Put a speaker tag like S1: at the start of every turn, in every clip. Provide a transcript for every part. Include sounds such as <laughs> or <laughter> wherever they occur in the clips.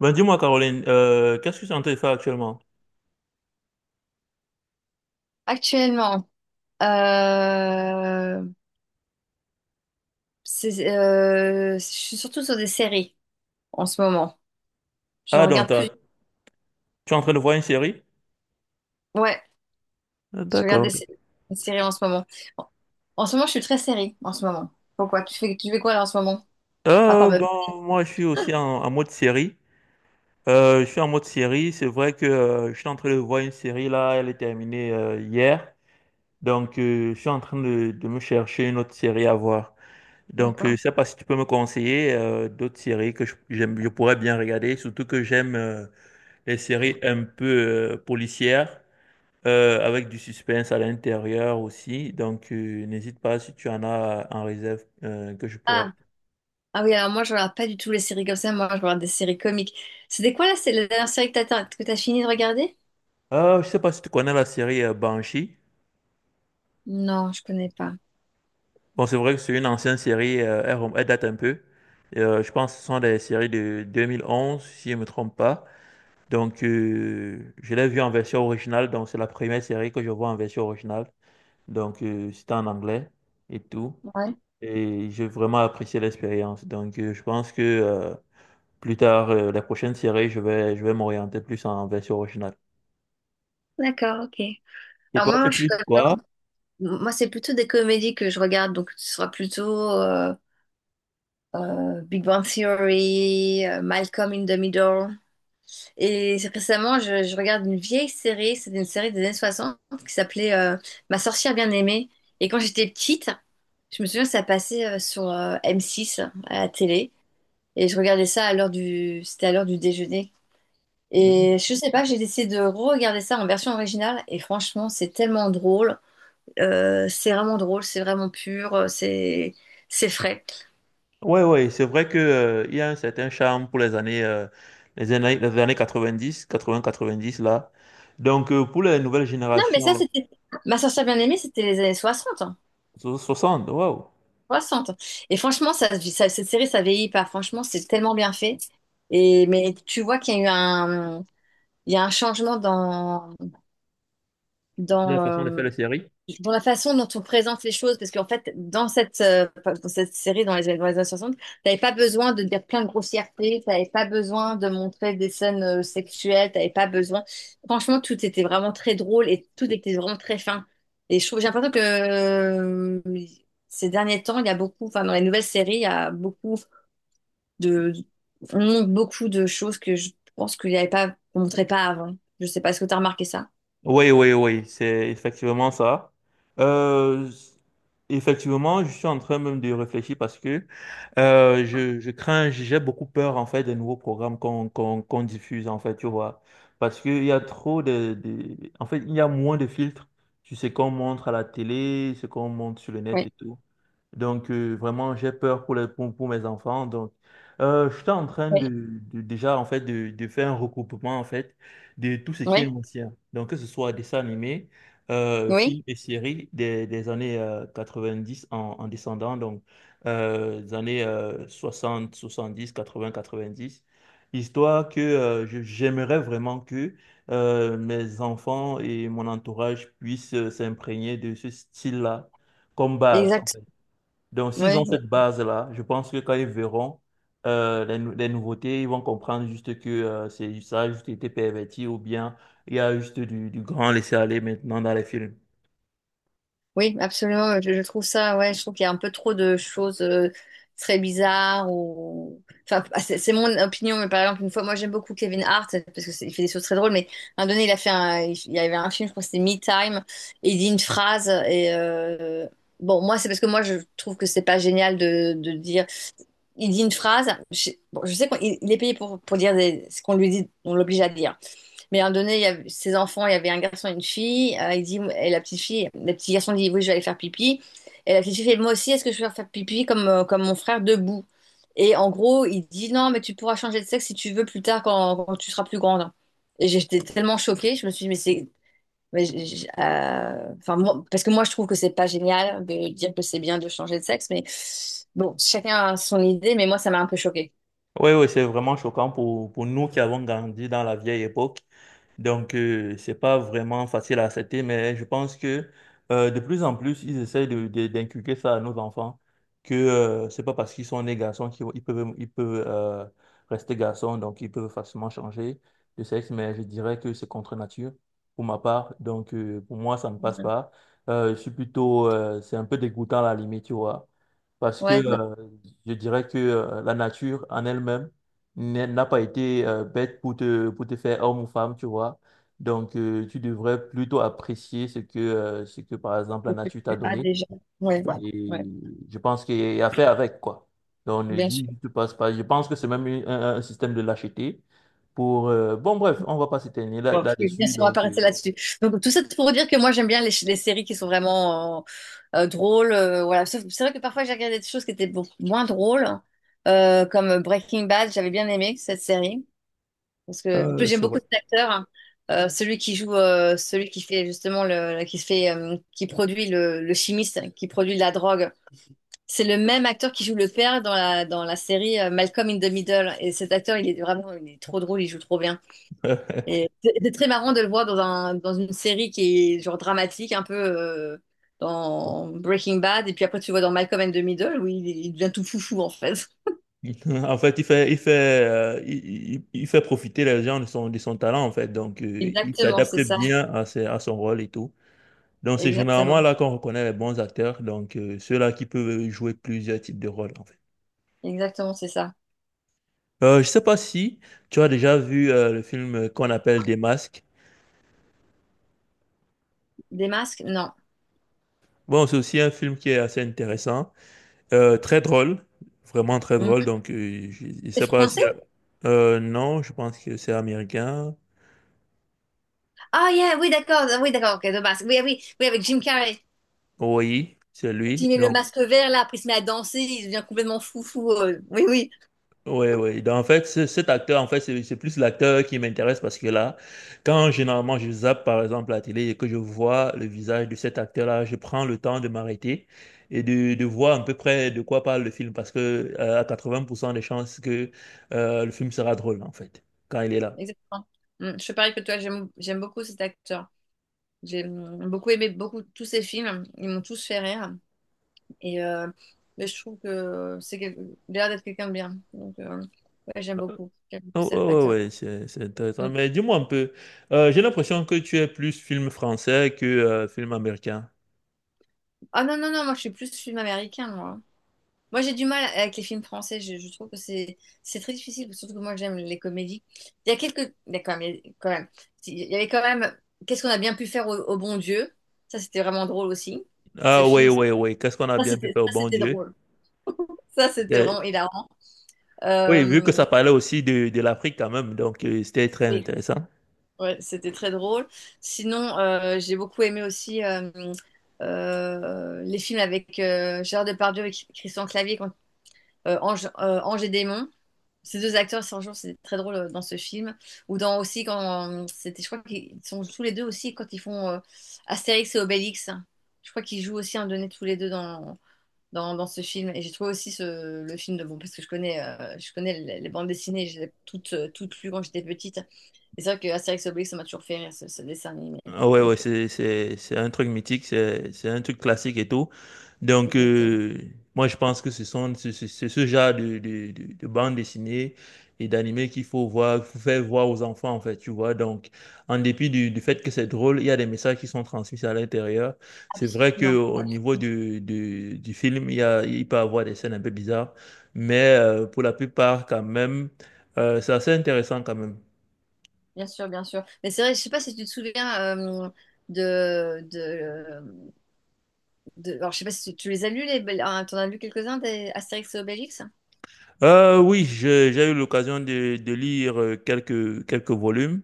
S1: Ben, dis-moi, Caroline, qu'est-ce que tu es en train de faire actuellement?
S2: Actuellement, euh, je suis surtout sur des séries en ce moment. Je
S1: Ah, donc,
S2: regarde plus.
S1: tu es en train de voir une série?
S2: Ouais,
S1: Ah,
S2: je regarde
S1: d'accord.
S2: des séries en ce moment. En, en ce moment, je suis très série en ce moment. Pourquoi? Tu fais quoi là en ce moment? À part
S1: Euh,
S2: me parler,
S1: bon, moi, je suis aussi en mode série. Je suis en mode série. C'est vrai que je suis en train de voir une série là. Elle est terminée hier. Donc, je suis en train de me chercher une autre série à voir. Donc, je
S2: d'accord.
S1: sais pas si tu peux me conseiller d'autres séries que j'aime, je pourrais bien regarder. Surtout que j'aime les séries un peu policières, avec du suspense à l'intérieur aussi. Donc, n'hésite pas si tu en as en réserve que je pourrais.
S2: Ah, ah oui, alors moi, je regarde pas du tout les séries comme ça. Moi, je regarde des séries comiques. C'était quoi là? C'est la dernière série que t'as fini de regarder?
S1: Ah, je sais pas si tu connais la série Banshee.
S2: Non, je connais pas.
S1: Bon, c'est vrai que c'est une ancienne série, elle date un peu. Je pense que ce sont des séries de 2011, si je ne me trompe pas. Donc, je l'ai vue en version originale. Donc, c'est la première série que je vois en version originale. Donc, c'était en anglais et tout.
S2: Ouais.
S1: Et j'ai vraiment apprécié l'expérience. Donc, je pense que... plus tard, les prochaines séries, je vais m'orienter plus en version originale.
S2: D'accord, ok.
S1: Et
S2: Alors
S1: toi,
S2: moi,
S1: tu es
S2: moi, je,
S1: plus quoi?
S2: Moi, c'est plutôt des comédies que je regarde, donc ce sera plutôt Big Bang Theory, Malcolm in the Middle. Et récemment, je regarde une vieille série, c'était une série des années 60 qui s'appelait Ma sorcière bien-aimée. Et quand j'étais petite, je me souviens que ça passait sur M6 à la télé. Et je regardais ça C'était à l'heure du déjeuner.
S1: Mhm.
S2: Et je sais pas, j'ai décidé de re-regarder ça en version originale. Et franchement, c'est tellement drôle. C'est vraiment drôle, c'est vraiment pur, c'est frais.
S1: Ouais, ouais, c'est vrai que, il y a un certain charme pour les années, les années 90, 80, 90, là. Donc, pour les nouvelles
S2: Non, mais
S1: générations,
S2: Ma sorcière bien-aimée, c'était les années 60, hein,
S1: 60, waouh!
S2: 60. Et franchement, cette série, ça vieillit pas. Franchement, c'est tellement bien fait. Et mais tu vois qu'il y a eu un... Il y a un changement
S1: La
S2: dans,
S1: façon de
S2: euh,
S1: faire les séries.
S2: dans la façon dont on présente les choses, parce qu'en fait, dans cette série, dans les années 60, t'avais pas besoin de dire plein de grossièretés, t'avais pas besoin de montrer des scènes sexuelles, t'avais pas besoin. Franchement, tout était vraiment très drôle et tout était vraiment très fin. Et je trouve, j'ai l'impression que ces derniers temps, il y a beaucoup, enfin, dans les nouvelles séries, il y a de, on montre beaucoup de choses que je pense qu'il y avait pas, qu'on montrait pas avant. Je sais pas, est-ce que t'as remarqué ça?
S1: Oui, oui, oui, c'est effectivement ça. Euh, effectivement, je suis en train même de réfléchir parce que je crains, j'ai beaucoup peur en fait des nouveaux programmes qu'on diffuse en fait, tu vois. Parce qu'il y a trop de... En fait, il y a moins de filtres sur ce qu'on montre à la télé, ce qu'on montre sur le net et
S2: Oui,
S1: tout. Donc, vraiment, j'ai peur pour, pour mes enfants. Donc, je suis en train
S2: oui,
S1: déjà, en fait, de faire un recoupement, en fait, de tout ce qui
S2: oui,
S1: est ancien. Donc, que ce soit dessins animés, films
S2: oui.
S1: et séries des années 90 en descendant, donc des années 60, 90, histoire que j'aimerais vraiment que mes enfants et mon entourage puissent s'imprégner de ce style-là comme base.
S2: Exact.
S1: Donc, s'ils ont
S2: Ouais, ouais.
S1: cette base-là, je pense que quand ils verront les nouveautés, ils vont comprendre juste que ça a juste été perverti ou bien il y a juste du grand laisser-aller maintenant dans les films.
S2: Oui, absolument. Je trouve ça, ouais, je trouve qu'il y a un peu trop de choses très bizarres ou, enfin, ah, c'est mon opinion, mais par exemple, une fois, moi j'aime beaucoup Kevin Hart parce que il fait des choses très drôles, mais à un moment donné, il y avait un film, je crois que c'était Me Time, et il dit une phrase et bon, moi c'est parce que moi je trouve que c'est pas génial de dire, il dit une phrase, je, bon, je sais qu'il est payé pour dire ce qu'on lui dit, on l'oblige à dire. Mais à un moment donné, il y avait ses enfants, il y avait un garçon et une fille. Il dit, et la petite fille, le petit garçon dit, oui, je vais aller faire pipi. Et la petite fille fait, moi aussi, est-ce que je vais faire pipi comme mon frère debout? Et en gros, il dit, non, mais tu pourras changer de sexe si tu veux plus tard quand tu seras plus grande. Et j'étais tellement choquée, je me suis dit, mais c'est. Mais enfin, parce que moi, je trouve que c'est pas génial de dire que c'est bien de changer de sexe, mais bon, chacun a son idée, mais moi, ça m'a un peu choquée.
S1: Oui, oui, c'est vraiment choquant pour nous qui avons grandi dans la vieille époque. Donc, c'est pas vraiment facile à accepter, mais je pense que de plus en plus, ils essayent d'inculquer ça à nos enfants, que c'est pas parce qu'ils sont nés garçons qu'ils ils peuvent rester garçons, donc ils peuvent facilement changer de sexe, mais je dirais que c'est contre nature pour ma part. Donc, pour moi, ça ne passe pas. Je suis plutôt, c'est un peu dégoûtant à la limite, tu vois parce que
S2: Ouais, non,
S1: je dirais que la nature en elle-même n'a pas été bête pour te faire homme ou femme, tu vois. Donc, tu devrais plutôt apprécier ce que, par exemple, la
S2: je peux
S1: nature t'a
S2: plus. Ah
S1: donné.
S2: déjà, ouais, ouais, ouais,
S1: Et je pense qu'il y a à faire avec, quoi. Donc, ne
S2: bien sûr.
S1: dis, tu passes pas. Je pense que c'est même un système de lâcheté pour... bon, bref, on va pas s'éteigner
S2: Ouais,
S1: là,
S2: oui, bien
S1: là-dessus,
S2: sûr, on va pas
S1: donc...
S2: rester là-dessus. Donc, tout ça pour dire que moi, j'aime bien les séries qui sont vraiment drôles. Voilà. C'est vrai que parfois, j'ai regardé des choses qui étaient beaucoup moins drôles, comme Breaking Bad. J'avais bien aimé cette série. Parce que, en plus, j'aime
S1: c'est
S2: beaucoup
S1: vrai.
S2: cet acteur, hein. Celui qui joue, celui qui fait justement qui fait, qui produit le chimiste, qui produit de la drogue. C'est le même acteur qui joue le père dans la série, Malcolm in the Middle. Et cet acteur, il est vraiment, il est trop drôle, il joue trop bien.
S1: <laughs>
S2: Et c'est très marrant de le voir dans une série qui est genre dramatique, un peu dans Breaking Bad, et puis après tu le vois dans Malcolm and the Middle où il devient tout foufou en fait. <laughs>
S1: <laughs> En fait, il fait profiter les gens de son talent, en fait. Donc, il
S2: Exactement, c'est
S1: s'adapte
S2: ça.
S1: bien à, à son rôle et tout. Donc, c'est généralement
S2: Exactement.
S1: là qu'on reconnaît les bons acteurs, donc ceux-là qui peuvent jouer plusieurs types de rôles, en fait.
S2: Exactement, c'est ça.
S1: Je sais pas si tu as déjà vu le film qu'on appelle Des Masques.
S2: Des masques? Non.
S1: Bon, c'est aussi un film qui est assez intéressant, très drôle, vraiment très
S2: Mhm.
S1: drôle. Donc, je
S2: C'est
S1: sais pas si...
S2: français?
S1: Non, je pense que c'est américain.
S2: Ah, yeah, oui, d'accord. Ah, oui, d'accord, ok, de masque. Oui, oui, oui, avec Jim Carrey.
S1: Oui, c'est
S2: Quand il
S1: lui.
S2: met le
S1: Donc,
S2: masque vert là, après il se met à danser, il devient complètement foufou. Oui, oui,
S1: oui, oui. Donc, en fait, cet acteur, en fait, c'est plus l'acteur qui m'intéresse parce que là, quand généralement je zappe, par exemple, la télé et que je vois le visage de cet acteur-là, je prends le temps de m'arrêter et de voir à peu près de quoi parle le film parce que à 80% des chances que le film sera drôle, en fait, quand il est là.
S2: exactement. Je suis pareil que toi, j'aime beaucoup cet acteur. J'ai beaucoup aimé beaucoup tous ces films. Ils m'ont tous fait rire. Et euh, mais je trouve que il a l'air d'être quelqu'un de bien. Donc, ouais, j'aime beaucoup. J'aime beaucoup
S1: Oh,
S2: cet
S1: oh,
S2: acteur.
S1: ouais, ouais, c'est intéressant.
S2: Mm.
S1: Mais dis-moi un peu, j'ai l'impression que tu es plus film français que film américain.
S2: Ah non, non, non, moi je suis plus film américain, moi. Moi j'ai du mal avec les films français. Je trouve que c'est très difficile, surtout que moi j'aime les comédies. Il y a quelques. Il y a quand même. Quand même. Si, il y avait quand même. Qu'est-ce qu'on a bien pu faire au bon Dieu? Ça, c'était vraiment drôle aussi. Ce
S1: Ah, ouais,
S2: film.
S1: ouais, ouais. Qu'est-ce qu'on a bien pu faire,
S2: Ça,
S1: bon
S2: c'était
S1: Dieu.
S2: drôle. Ça, c'était vraiment hilarant.
S1: Oui, vu que
S2: Euh,
S1: ça parlait aussi de l'Afrique quand même, donc c'était très
S2: oui.
S1: intéressant.
S2: Ouais, c'était très drôle. Sinon, j'ai beaucoup aimé aussi les films avec Gérard Depardieu et Christian Clavier, Ange et Démon. Ces deux acteurs, c'est jour, c'était très drôle dans ce film. Ou dans aussi quand c'était, je crois qu'ils sont tous les deux aussi quand ils font Astérix et Obélix. Je crois qu'ils jouent aussi un donné tous les deux dans ce film. Et j'ai trouvé aussi le film de bon parce que je connais les bandes dessinées, je les ai toutes, toutes lues quand j'étais petite. C'est sûr que Astérix et Obélix, ça m'a toujours fait rire, ce dessin animé.
S1: Ah ouais, ouais,
S2: Donc,
S1: c'est un truc mythique, c'est un truc classique et tout. Donc,
S2: exactement.
S1: moi, je pense que ce sont, c'est ce genre de bande dessinée et d'animé qu'il faut voir, faut faire voir aux enfants, en fait, tu vois. Donc, en dépit du fait que c'est drôle, il y a des messages qui sont transmis à l'intérieur. C'est vrai que
S2: Absolument.
S1: au niveau du film, il y a, il peut y avoir des scènes un peu bizarres, mais pour la plupart, quand même, c'est assez intéressant quand même.
S2: Bien sûr, bien sûr. Mais c'est vrai, je sais pas si tu te souviens de, de, alors, je sais pas si tu les as lus, t'en as lu quelques-uns des Astérix et Obélix?
S1: Oui, j'ai eu l'occasion de lire quelques volumes,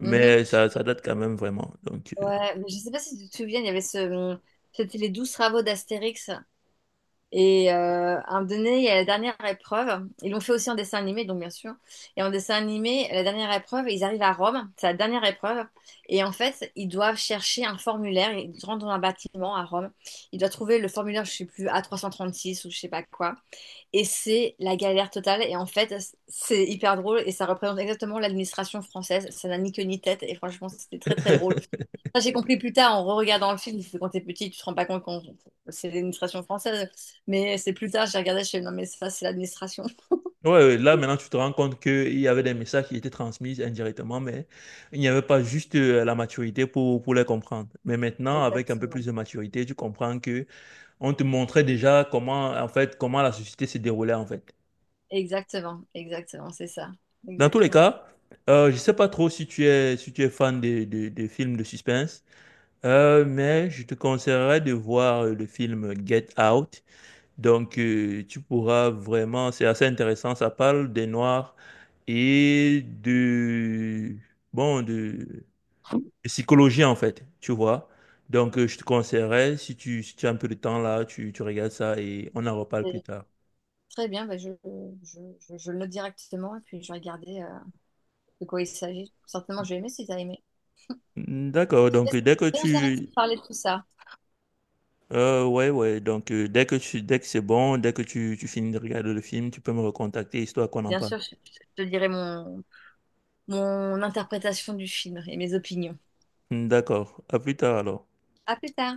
S2: Mhm.
S1: ça date quand même vraiment. Donc,
S2: Ouais, mais je sais pas si tu te souviens, il y avait ce... C'était les douze travaux d'Astérix. À un moment donné, il y a la dernière épreuve. Ils l'ont fait aussi en dessin animé, donc bien sûr. Et en dessin animé, la dernière épreuve, ils arrivent à Rome. C'est la dernière épreuve. Et en fait, ils doivent chercher un formulaire. Ils rentrent dans un bâtiment à Rome. Ils doivent trouver le formulaire, je sais plus, A336 ou je sais pas quoi. Et c'est la galère totale. Et en fait, c'est hyper drôle et ça représente exactement l'administration française. Ça n'a ni queue ni tête. Et franchement, c'était très très drôle. Ça, j'ai compris plus tard en re-regardant le film, parce que quand t'es petit, tu te rends pas compte qu'on c'est l'administration française. Mais c'est plus tard, j'ai regardé, je fais non, mais ça, c'est l'administration. <laughs>
S1: ouais, ouais, là maintenant tu te rends compte qu'il y avait des messages qui étaient transmis indirectement, mais il n'y avait pas juste la maturité pour les comprendre. Mais maintenant, avec un peu plus
S2: Exactement.
S1: de maturité, tu comprends que on te montrait déjà comment en fait comment la société se déroulait en fait.
S2: Exactement, exactement, c'est ça.
S1: Dans tous les
S2: Exactement.
S1: cas, je sais pas trop si tu es si tu es fan des films de suspense, mais je te conseillerais de voir le film Get Out. Donc, tu pourras vraiment, c'est assez intéressant, ça parle des Noirs et de, bon, de psychologie en fait, tu vois. Donc, je te conseillerais, si tu, si tu as un peu de temps là, tu regardes ça et on en reparle plus
S2: Et
S1: tard.
S2: très bien, bah, je le note directement et puis je vais regarder de quoi il s'agit. Certainement, je vais aimer si tu as aimé.
S1: Mm,
S2: En
S1: d'accord,
S2: tout cas,
S1: donc dès
S2: c'est
S1: que
S2: très intéressant
S1: tu...
S2: de parler de tout ça.
S1: Ouais, ouais, donc dès que tu, dès que c'est bon, dès que tu finis de regarder le film, tu peux me recontacter histoire qu'on en
S2: Bien
S1: parle.
S2: sûr, je te dirai mon interprétation du film et mes opinions.
S1: Mm, d'accord, à plus tard alors.
S2: À plus tard.